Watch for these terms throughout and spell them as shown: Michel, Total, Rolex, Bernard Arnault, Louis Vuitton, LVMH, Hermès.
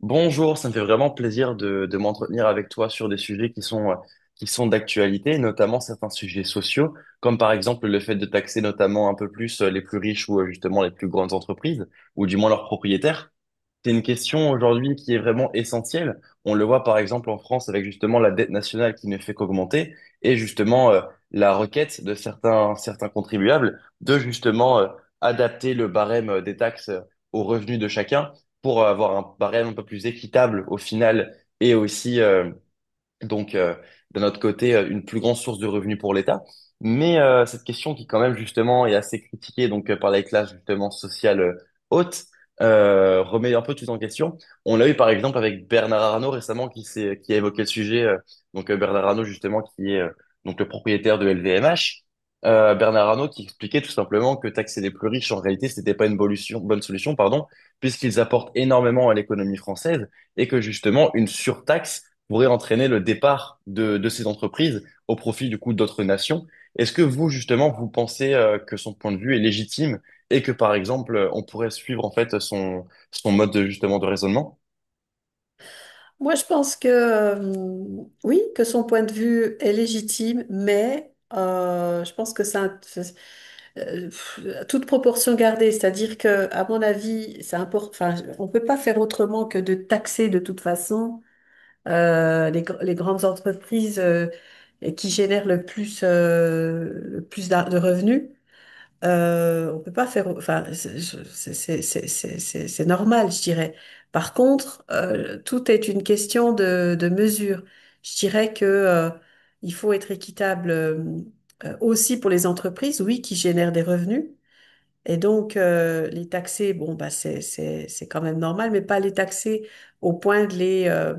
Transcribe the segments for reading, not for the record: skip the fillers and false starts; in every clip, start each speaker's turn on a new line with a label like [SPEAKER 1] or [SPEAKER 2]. [SPEAKER 1] Bonjour, ça me fait vraiment plaisir de m'entretenir avec toi sur des sujets qui sont d'actualité, notamment certains sujets sociaux, comme par exemple le fait de taxer notamment un peu plus les plus riches ou justement les plus grandes entreprises, ou du moins leurs propriétaires. C'est une question aujourd'hui qui est vraiment essentielle. On le voit par exemple en France avec justement la dette nationale qui ne fait qu'augmenter et justement la requête de certains contribuables de justement adapter le barème des taxes aux revenus de chacun pour avoir un barème un peu plus équitable au final et aussi donc, euh, d'un autre côté, une plus grande source de revenus pour l'État. Cette question qui, quand même, justement, est assez critiquée par les classes justement sociales hautes, remet un peu tout en question. On l'a eu par exemple avec Bernard Arnault récemment qui a évoqué le sujet. Bernard Arnault justement qui est donc le propriétaire de LVMH. Bernard Arnault qui expliquait tout simplement que taxer les plus riches en réalité c'était pas une bonne solution pardon puisqu'ils apportent énormément à l'économie française et que justement une surtaxe pourrait entraîner le départ de ces entreprises au profit du coup d'autres nations. Est-ce que vous, justement, vous pensez que son point de vue est légitime et que, par exemple, on pourrait suivre en fait son, son mode de, justement de raisonnement?
[SPEAKER 2] Moi, je pense que oui, que son point de vue est légitime, mais je pense que à toute proportion gardée. C'est-à-dire que, à mon avis, enfin, on peut pas faire autrement que de taxer de toute façon les grandes entreprises et qui génèrent le plus de revenus. On peut pas faire, enfin, c'est- c'est normal, je dirais. Par contre, tout est une question de mesure. Je dirais que il faut être équitable aussi pour les entreprises, oui, qui génèrent des revenus. Et donc, les taxer, bon, bah, c'est quand même normal, mais pas les taxer au point de les euh,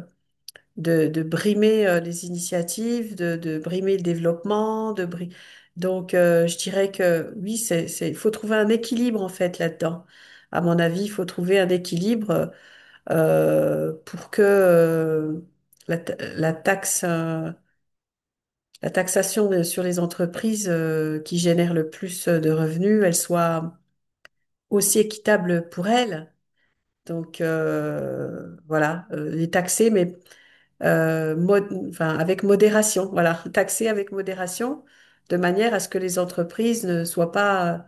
[SPEAKER 2] de, de brimer les initiatives, de brimer le développement, Donc, je dirais que oui, il faut trouver un équilibre en fait là-dedans. À mon avis, il faut trouver un équilibre pour que la taxe, la taxation sur les entreprises qui génèrent le plus de revenus, elle soit aussi équitable pour elles. Donc voilà, les taxer, mais enfin, avec modération, voilà, taxer avec modération, de manière à ce que les entreprises ne soient pas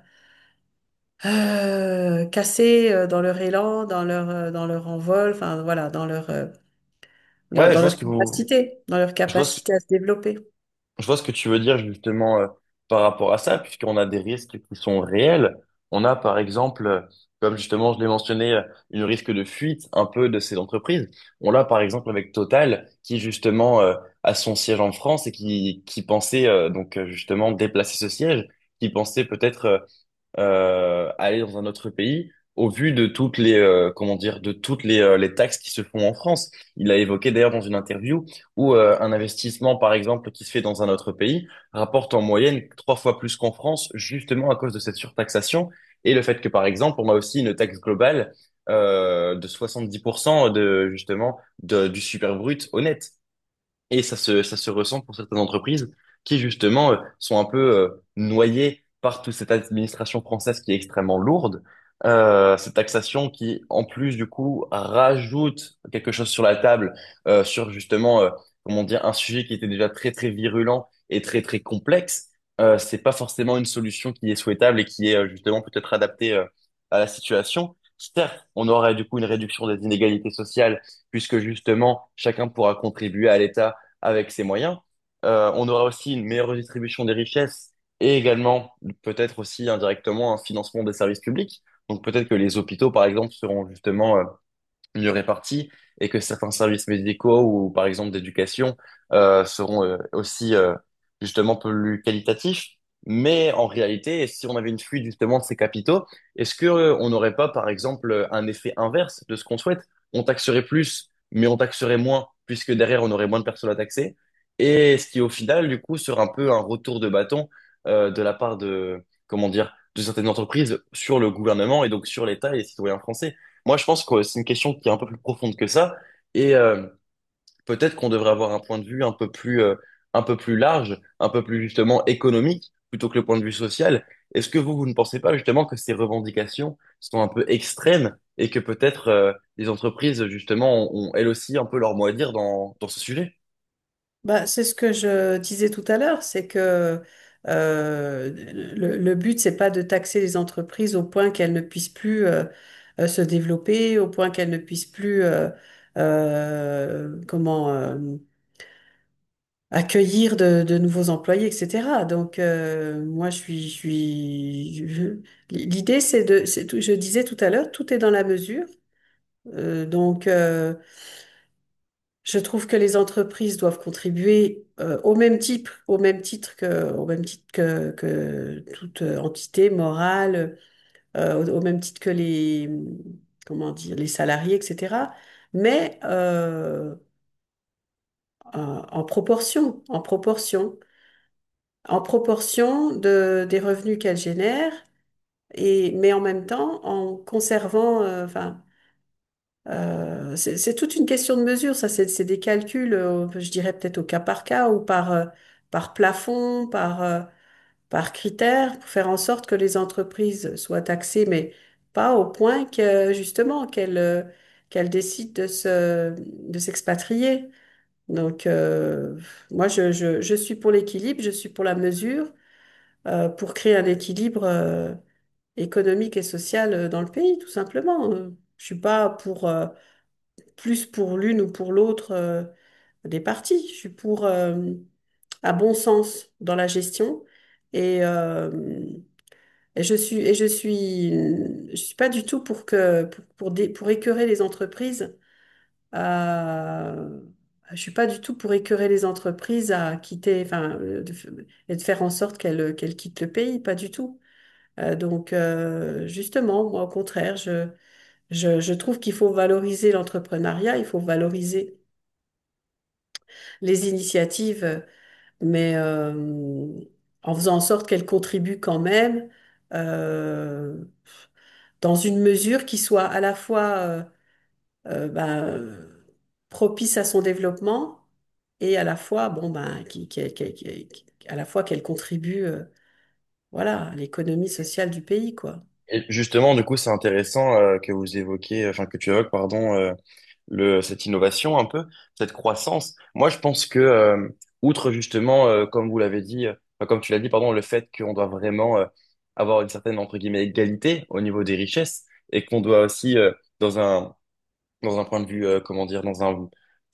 [SPEAKER 2] cassées dans leur élan, dans leur envol, enfin voilà,
[SPEAKER 1] Ouais, je vois ce que vous,
[SPEAKER 2] dans leur
[SPEAKER 1] je vois ce,
[SPEAKER 2] capacité à se développer.
[SPEAKER 1] je vois ce que tu veux dire justement par rapport à ça, puisqu'on a des risques qui sont réels. On a par exemple, comme justement je l'ai mentionné, une risque de fuite un peu de ces entreprises. On l'a par exemple avec Total, qui justement a son siège en France et qui pensait justement déplacer ce siège, qui pensait peut-être aller dans un autre pays au vu de toutes les comment dire de toutes les taxes qui se font en France. Il a évoqué d'ailleurs dans une interview où un investissement par exemple qui se fait dans un autre pays rapporte en moyenne trois fois plus qu'en France justement à cause de cette surtaxation et le fait que par exemple on a aussi une taxe globale de 70% de justement du super brut honnête et ça se ressent pour certaines entreprises qui, justement, sont un peu noyées par toute cette administration française qui est extrêmement lourde, cette taxation qui, en plus, du coup, rajoute quelque chose sur la table euh, sur, justement, euh, comment dire, un sujet qui était déjà très, très virulent et très, très complexe. C'est pas forcément une solution qui est souhaitable et qui est, justement, peut-être adaptée à la situation. Certes, on aurait, du coup, une réduction des inégalités sociales puisque, justement, chacun pourra contribuer à l'État avec ses moyens. On aura aussi une meilleure redistribution des richesses et également peut-être aussi indirectement un financement des services publics. Donc peut-être que les hôpitaux, par exemple, seront justement mieux répartis et que certains services médicaux ou par exemple d'éducation seront aussi justement plus qualitatifs. Mais en réalité, si on avait une fuite justement de ces capitaux, est-ce que on n'aurait pas par exemple un effet inverse de ce qu'on souhaite? On taxerait plus, mais on taxerait moins puisque derrière on aurait moins de personnes à taxer. Et ce qui au final du coup sera un peu un retour de bâton de la part de comment dire de certaines entreprises sur le gouvernement et donc sur l'État et les citoyens français. Moi, je pense que c'est une question qui est un peu plus profonde que ça, et peut-être qu'on devrait avoir un point de vue un peu plus large, un peu plus justement économique, plutôt que le point de vue social. Est-ce que vous, vous ne pensez pas justement que ces revendications sont un peu extrêmes et que peut-être les entreprises justement ont, ont elles aussi un peu leur mot à dire dans, dans ce sujet?
[SPEAKER 2] Bah, c'est ce que je disais tout à l'heure, c'est que euh, le but, c'est pas de taxer les entreprises au point qu'elles ne puissent plus se développer, au point qu'elles ne puissent plus comment accueillir de nouveaux employés, etc. Donc moi, l'idée, c'est de, c'est tout- je disais tout à l'heure, tout est dans la mesure. Euh, donc euh, Je trouve que les entreprises doivent contribuer au même titre que que toute entité morale, au même titre que les, comment dire, les salariés, etc. Mais en, en proportion, en proportion des revenus qu'elles génèrent, et, mais en même temps en conservant, enfin, c'est toute une question de mesure, ça, c'est des calculs, je dirais peut-être au cas par cas ou par plafond, par critère, pour faire en sorte que les entreprises soient taxées, mais pas au point que justement qu'elles décident de de s'expatrier. Donc, moi, je suis pour l'équilibre, je suis pour la mesure, pour créer un équilibre, économique et social dans le pays, tout simplement. Je suis pas pour... plus pour l'une ou pour l'autre des parties. Je suis pour un bon sens dans la gestion et, et je suis et je suis je suis pas du tout pour que pour, dé- pour écœurer les entreprises. Euh, je suis pas du tout pour écœurer les entreprises à quitter enfin et de faire en sorte qu'elles quittent le pays, pas du tout. Justement, moi au contraire, je trouve qu'il faut valoriser l'entrepreneuriat, il faut valoriser les initiatives, mais en faisant en sorte qu'elles contribuent quand même euh, dans une mesure qui soit à la fois euh, ben, euh, propice à son développement et à la fois à la fois qu'elle contribue voilà, l'économie sociale du pays, quoi.
[SPEAKER 1] Et justement, du coup, c'est intéressant que vous évoquiez, enfin que tu évoques, pardon, le, cette innovation un peu, cette croissance. Moi, je pense que, outre justement, comme vous l'avez dit, enfin, comme tu l'as dit, pardon, le fait qu'on doit vraiment avoir une certaine, entre guillemets, égalité au niveau des richesses et qu'on doit aussi, dans un, dans un point de vue, comment dire, dans un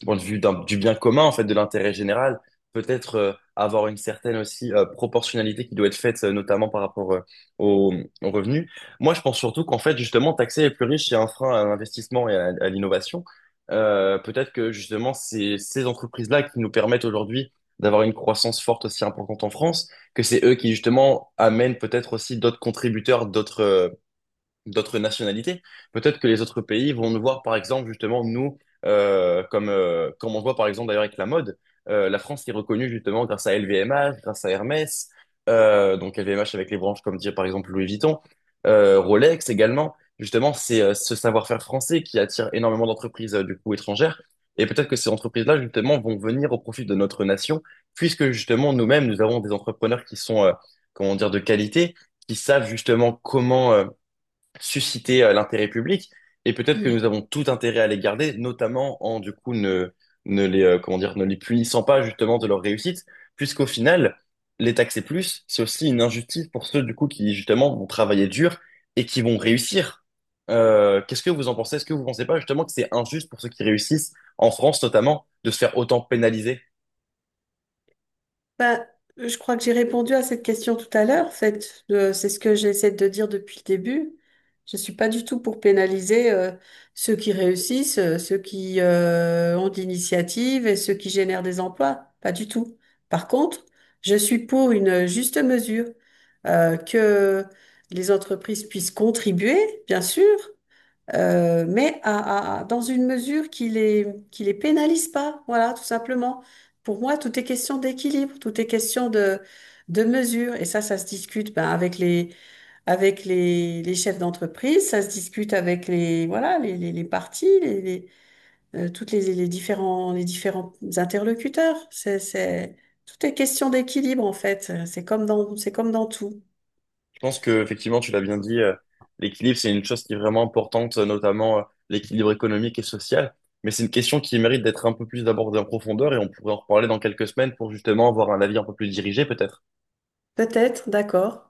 [SPEAKER 1] point de vue du bien commun, en fait, de l'intérêt général, peut-être avoir une certaine aussi proportionnalité qui doit être faite, notamment par rapport aux, aux revenus. Moi, je pense surtout qu'en fait, justement, taxer les plus riches, c'est un frein à l'investissement et à l'innovation. Peut-être que justement, c'est ces entreprises-là qui nous permettent aujourd'hui d'avoir une croissance forte aussi importante en France, que c'est eux qui justement amènent peut-être aussi d'autres contributeurs, d'autres d'autres nationalités. Peut-être que les autres pays vont nous voir, par exemple, justement, nous, comme, comme on voit, par exemple, d'ailleurs, avec la mode. La France est reconnue, justement, grâce à LVMH, grâce à Hermès, donc LVMH avec les branches, comme dire, par exemple, Louis Vuitton, Rolex également. Justement, c'est ce savoir-faire français qui attire énormément d'entreprises, du coup, étrangères. Et peut-être que ces entreprises-là, justement, vont venir au profit de notre nation, puisque, justement, nous-mêmes, nous avons des entrepreneurs qui sont, comment dire, de qualité, qui savent, justement, comment susciter l'intérêt public et peut-être que nous avons tout intérêt à les garder, notamment en du coup ne, ne les comment dire ne les punissant pas justement de leur réussite, puisqu'au final les taxer plus, c'est aussi une injustice pour ceux du coup qui justement vont travailler dur et qui vont réussir. Qu'est-ce que vous en pensez? Est-ce que vous pensez pas justement que c'est injuste pour ceux qui réussissent en France notamment de se faire autant pénaliser?
[SPEAKER 2] Bah, je crois que j'ai répondu à cette question tout à l'heure. En fait, c'est ce que j'essaie de dire depuis le début. Je suis pas du tout pour pénaliser ceux qui réussissent, ceux qui ont de l'initiative et ceux qui génèrent des emplois. Pas du tout. Par contre, je suis pour une juste mesure, que les entreprises puissent contribuer, bien sûr, mais dans une mesure qui les pénalise pas, voilà, tout simplement. Pour moi, tout est question d'équilibre, tout est question de mesure. Et ça se discute ben, avec les chefs d'entreprise, ça se discute avec les, voilà, les partis, les différents interlocuteurs. Tout est question d'équilibre, en fait. C'est comme dans tout.
[SPEAKER 1] Je pense que effectivement, tu l'as bien dit, l'équilibre, c'est une chose qui est vraiment importante, notamment l'équilibre économique et social. Mais c'est une question qui mérite d'être un peu plus abordée en profondeur et on pourrait en reparler dans quelques semaines pour justement avoir un avis un peu plus dirigé, peut-être.
[SPEAKER 2] Peut-être, d'accord.